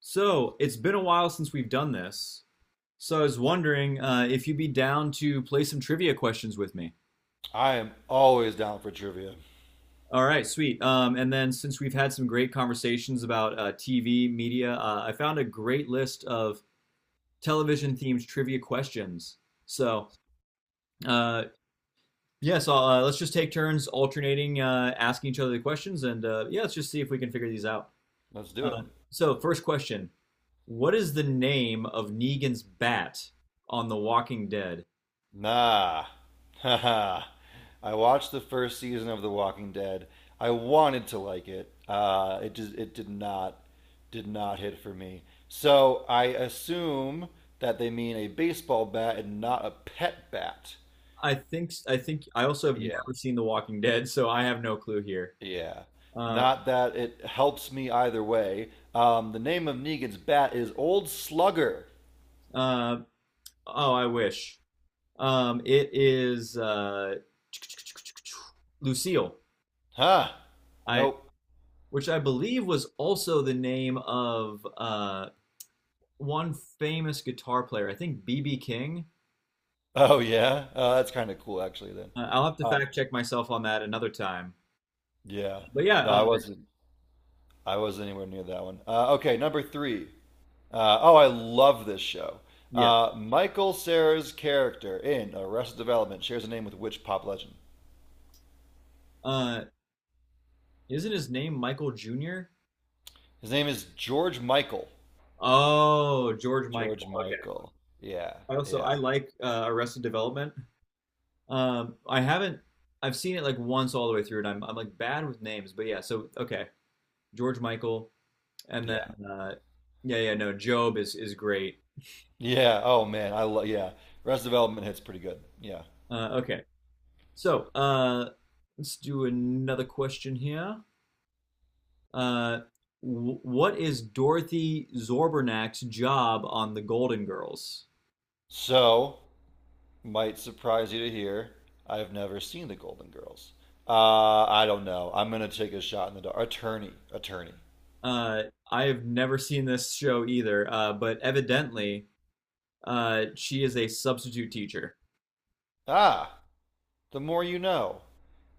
So it's been a while since we've done this. So I was wondering if you'd be down to play some trivia questions with me. I am always down for trivia. All right, sweet. And then since we've had some great conversations about TV media, I found a great list of television themed trivia questions. So uh, yeah, so let's just take turns alternating asking each other the questions, and yeah, let's just see if we can figure these out. Let's do it. Uh, so first question: what is the name of Negan's bat on The Walking Dead? Nah. Haha. I watched the first season of The Walking Dead. I wanted to like it. It just it did not hit for me. So I assume that they mean a baseball bat and not a pet bat. I think I also have Yeah. never seen The Walking Dead, so I have no clue here. Yeah. Uh, Not that it helps me either way. The name of Negan's bat is Old Slugger. uh, oh, I wish. It is Lucille. Huh. I Nope. Which I believe was also the name of one famous guitar player. I think BB King. Oh yeah, that's kind of cool actually. Then, I'll have to uh, fact check myself on that another time. yeah. But yeah, No, I wasn't. I wasn't anywhere near that one. Okay, number three. Oh, I love this show. yeah. Michael Cera's character in Arrested Development shares a name with which pop legend? Uh, isn't his name Michael Jr.? His name is George Michael. Oh, George Michael. George Okay. Michael. Yeah, I yeah, like Arrested Development. I haven't. I've seen it like once all the way through, and I'm like bad with names, but yeah. So okay, George Michael, and then yeah, uh, yeah, yeah, no, Job is great. yeah. Oh man, I love. Yeah, Arrested Development hits pretty good. Yeah. Okay, so let's do another question here. Uh, what is Dorothy Zorbernak's job on The Golden Girls? So. Might surprise you to hear I've never seen The Golden Girls. I don't know. I'm gonna take a shot in the dark. Attorney, attorney. Uh, I have never seen this show either, but evidently, she is a substitute teacher. Ah, the more you know.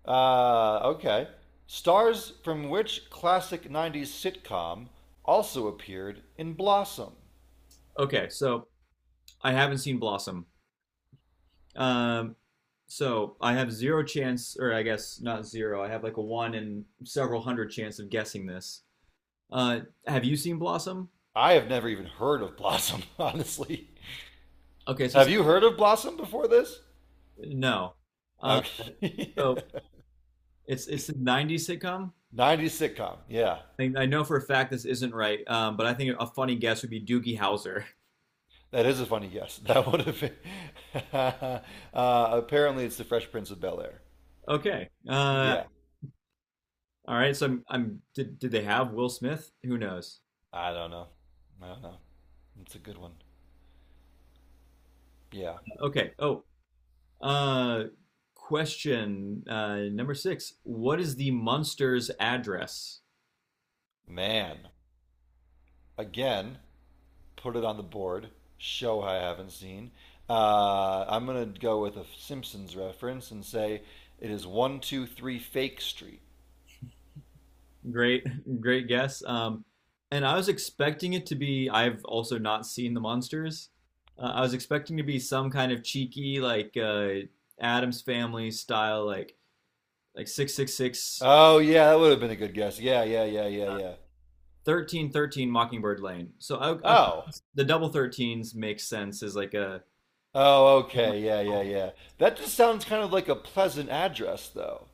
Okay. Stars from which classic 90s sitcom also appeared in Blossom? Okay, so I haven't seen Blossom. Um, so I have zero chance, or I guess not zero. I have like a one in several hundred chance of guessing this. Have you seen Blossom? I have never even heard of Blossom, honestly. Okay, so it's, Have you heard of Blossom before this? no. Uh, Okay. so it's it's the '90s sitcom. 90s sitcom. Yeah. I know for a fact this isn't right, but I think a funny guess would be Doogie Howser. That is a funny guess. That would have been. uh, apparently, it's the Fresh Prince of Bel-Air. Okay. Yeah, All right. So I'm did they have Will Smith? Who knows? I don't know. I don't know. It's a good one. Yeah. Okay. Oh. Uh, question number six. What is the Munsters address? Man. Again, put it on the board. Show I haven't seen. I'm going to go with a Simpsons reference and say it is 123 Fake Street. Great, great guess. And I was expecting it to be, I've also not seen The Monsters. I was expecting to be some kind of cheeky, like Adam's Family style, like 666, Oh, yeah, that would have been a good guess. Yeah, yeah, yeah, yeah, uh, yeah. 1313 Mockingbird Lane. Oh. The double 13s makes sense as like a Oh, okay. Yeah, yeah, yeah. That just sounds kind of like a pleasant address, though.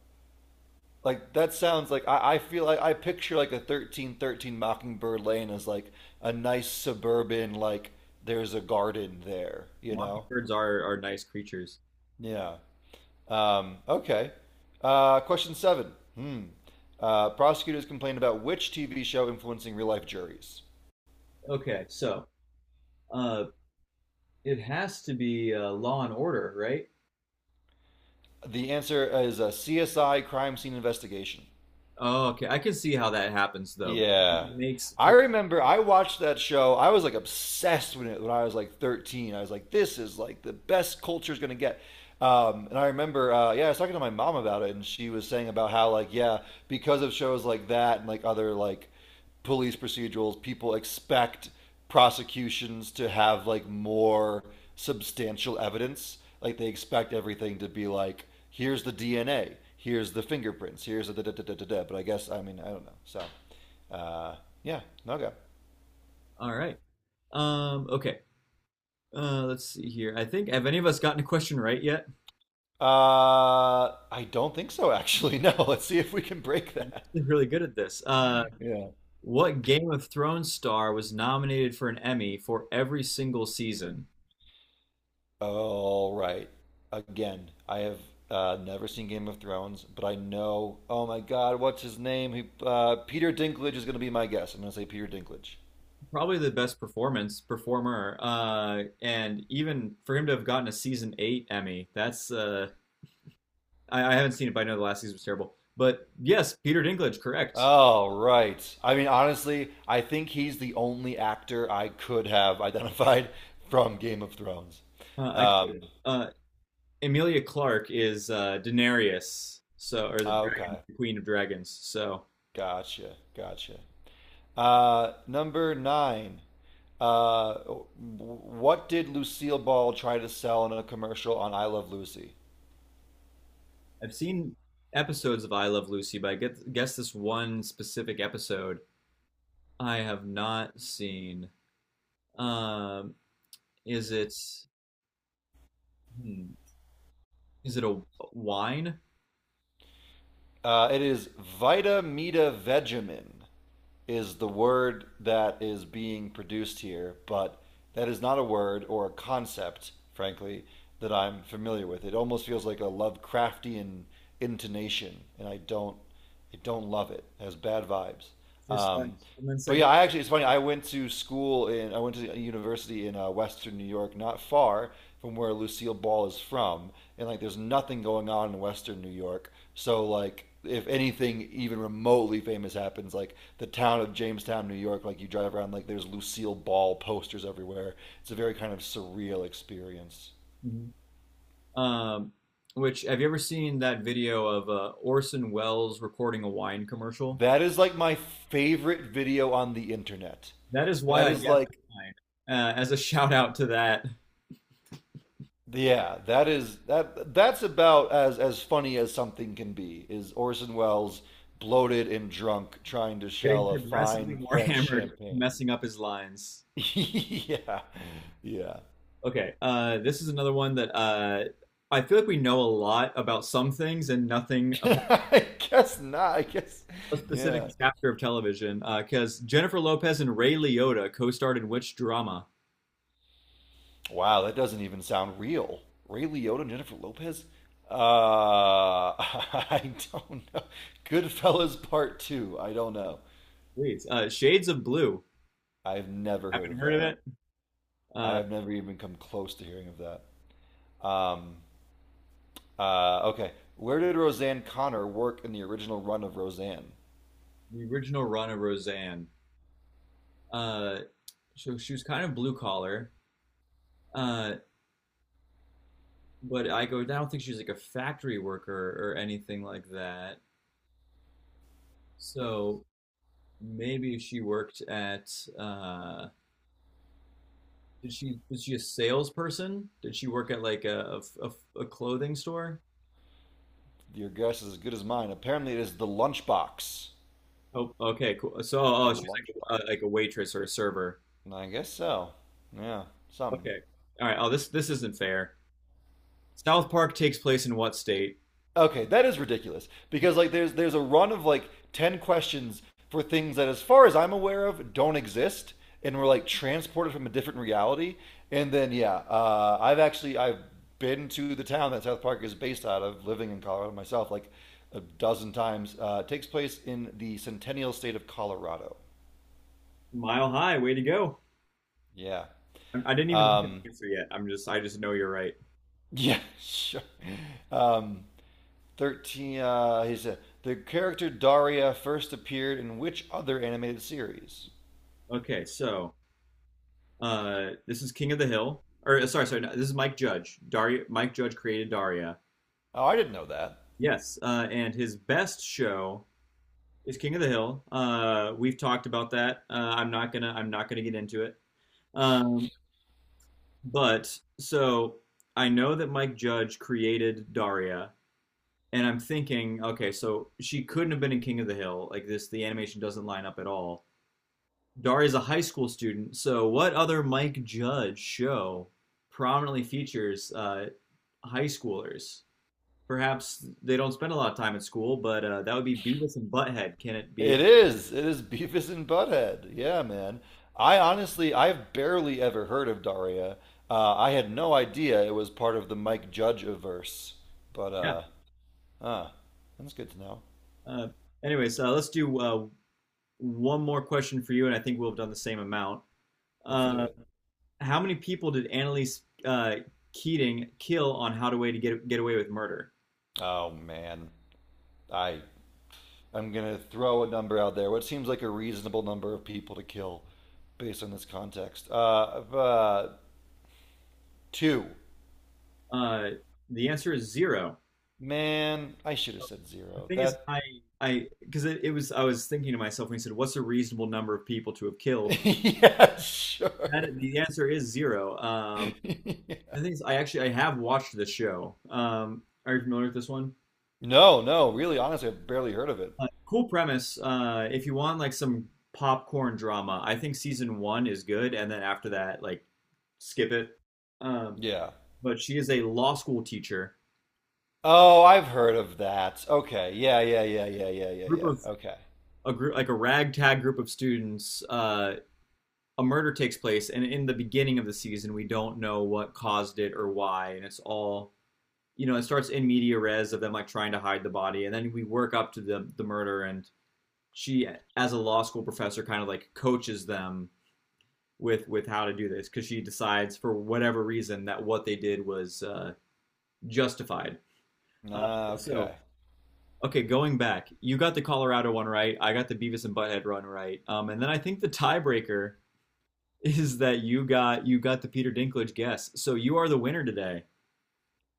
Like that sounds like I feel like I picture like a 13 13 Mockingbird Lane as like a nice suburban like there's a garden there, you know? mockingbirds are nice creatures. Yeah. Okay. Question seven. Hmm. Prosecutors complained about which TV show influencing real life juries. Okay, so uh, it has to be Law and Order, right? The answer is a CSI crime scene investigation. Oh, okay. I can see how that happens though. Yeah. It makes I for remember I watched that show. I was like obsessed with it when I was like 13. I was like, this is like the best culture's going to get. And I remember, yeah, I was talking to my mom about it, and she was saying about how, like, yeah, because of shows like that and like other like police procedurals, people expect prosecutions to have like more substantial evidence. Like, they expect everything to be like, here's the DNA, here's the fingerprints, here's the da da da da da da. But I guess, I mean, I don't know. So. Uh, yeah, no go. all right. Okay. Let's see here. I think have any of us gotten a question right yet? I don't think so, actually. No, let's see if we can break that. We're really good at this. Yeah. What Game of Thrones star was nominated for an Emmy for every single season? All right. Again, I have never seen Game of Thrones, but I know. Oh my God, what's his name? Peter Dinklage is going to be my guess. I'm going to say Peter Dinklage. Probably the best performance performer. And even for him to have gotten a season eight Emmy, that's I haven't seen it, but I know the last season was terrible. But yes, Peter Dinklage, correct. All right. I mean, honestly, I think he's the only actor I could have identified from Game of Thrones. I Um, uh, Emilia Clarke is Daenerys, so or the dragon, okay, the Queen of Dragons. So. gotcha, gotcha. Number nine. Uh, what did Lucille Ball try to sell in a commercial on I Love Lucy? I've seen episodes of I Love Lucy, but guess this one specific episode I have not seen. Um, is it hmm, is it a wine? It is Vitamita Vegemin is the word that is being produced here, but that is not a word or a concept, frankly, that I'm familiar with. It almost feels like a Lovecraftian intonation, and I don't love it. It has bad vibes. Just Um, one But second. yeah, I actually it's funny. I went to a university in Western New York, not far from where Lucille Ball is from, and like there's nothing going on in Western New York. So like if anything even remotely famous happens, like the town of Jamestown, New York, like you drive around, like there's Lucille Ball posters everywhere. It's a very kind of surreal experience. Um, which have you ever seen that video of Orson Welles recording a wine commercial? That is like my favorite video on the internet. That is why That I is guess like wine. As a shout out to that, Yeah, that is that that's about as funny as something can be, is Orson Welles bloated and drunk trying to getting shell a progressively fine more French hammered, champagne. messing up his lines. Yeah. Yeah. Okay. This is another one that I feel like we know a lot about some things and nothing about I guess not. A specific Yeah. chapter of television. Because Jennifer Lopez and Ray Liotta co-starred in which drama? Wow, that doesn't even sound real. Ray Liotta and Jennifer Lopez? I don't know. Goodfellas Part Two. I don't know. Please. Shades of Blue. I've never heard Haven't of heard of that. it. I Uh, have never even come close to hearing of that. Um, okay. Where did Roseanne Connor work in the original run of Roseanne? the original run of Roseanne. Uh, so she was kind of blue collar. Uh, I don't think she's like a factory worker or anything like that. So maybe she worked at uh, did she was she a salesperson? Did she work at like a clothing store? Your guess is as good as mine. Apparently, it is the lunchbox. Oh, okay, cool. Oh, The oh, she's lunchbox. like a waitress or a server. I guess so. Yeah, something. Okay, all right. Oh, this isn't fair. South Park takes place in what state? Okay, that is ridiculous because like there's a run of like 10 questions for things that as far as I'm aware of don't exist and were like transported from a different reality. And then yeah, I've been to the town that South Park is based out of, living in Colorado myself like a dozen times. It takes place in the Centennial State of Colorado. Mile High. Way to go. Yeah. I didn't even look at the Um, answer yet. I just know you're right. yeah, sure. Um, 13. The character Daria first appeared in which other animated series? Okay, so this is King of the Hill. Or sorry, sorry. No, this is Mike Judge. Daria. Mike Judge created Daria. Oh, I didn't know that. Yes, and his best show is King of the Hill. We've talked about that. I'm not gonna get into it. Um, but so I know that Mike Judge created Daria, and I'm thinking, okay, so she couldn't have been in King of the Hill. The animation doesn't line up at all. Daria's a high school student, so what other Mike Judge show prominently features high schoolers? Perhaps they don't spend a lot of time at school, but that would be Beavis and Butthead. Can it be? It is. It is Beavis and Butthead. Yeah, man. I honestly, I've barely ever heard of Daria. I had no idea it was part of the Mike Judge verse. But, Yeah. Huh. That's good to know. Uh, Anyways, let's do one more question for you, and I think we'll have done the same amount. Let's do Uh, it. how many people did Annalise Keating kill on How to Way to Get Away with Murder? Oh, man. I, I'm going to throw a number out there, what seems like a reasonable number of people to kill based on this context. Two. Uh, the answer is zero. Man, I should have said The zero. thing is, That. I because it was I was thinking to myself when he said, "What's a reasonable number of people to have killed?" yeah, sure. That, the answer is zero. Yeah. The thing is, I actually I have watched the show. Are you familiar with this one? No, no, really, honestly, I've barely heard of it. Cool premise. If you want like some popcorn drama, I think season one is good, and then after that, like skip it. Um, Yeah. but she is a law school teacher. Oh, I've heard of that. Okay. Yeah, yeah, yeah, yeah, yeah, yeah, Group yeah. of Okay. A group like a ragtag group of students. A murder takes place, and in the beginning of the season, we don't know what caused it or why, and it's all you know. It starts in media res of them like trying to hide the body, and then we work up to the murder, and she, as a law school professor, kind of like coaches them with how to do this because she decides for whatever reason that what they did was justified. Uh, Ah, so okay. okay, going back, you got the Colorado one right. I got the Beavis and Butthead run right. And then I think the tiebreaker is that you got the Peter Dinklage guess. So you are the winner today.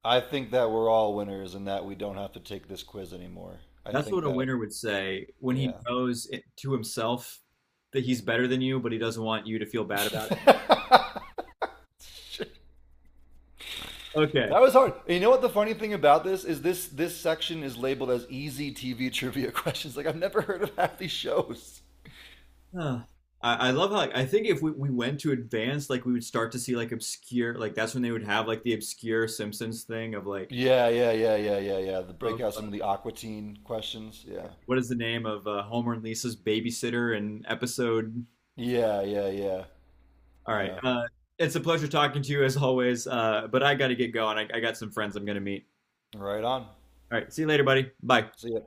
I think that we're all winners and that we don't have to take this quiz anymore. I That's think what a that, winner would say when he yeah. knows it, to himself that he's better than you, but he doesn't want you to feel bad about it. Okay. That was hard. You know what the funny thing about this is this section is labeled as easy TV trivia questions. Like I've never heard of half these shows. Huh. I love how like I think if we went to advanced, like we would start to see like obscure like that's when they would have like the obscure Simpsons thing of like Yeah, yeah, yeah, yeah, yeah, yeah. The break of out some of the Aquatine questions. Yeah. what is the name of Homer and Lisa's babysitter and episode. Yeah, yeah, yeah. All right, Yeah. It's a pleasure talking to you as always. But I got to get going. I got some friends I'm gonna meet. Right on. All right, see you later, buddy. Bye. See ya.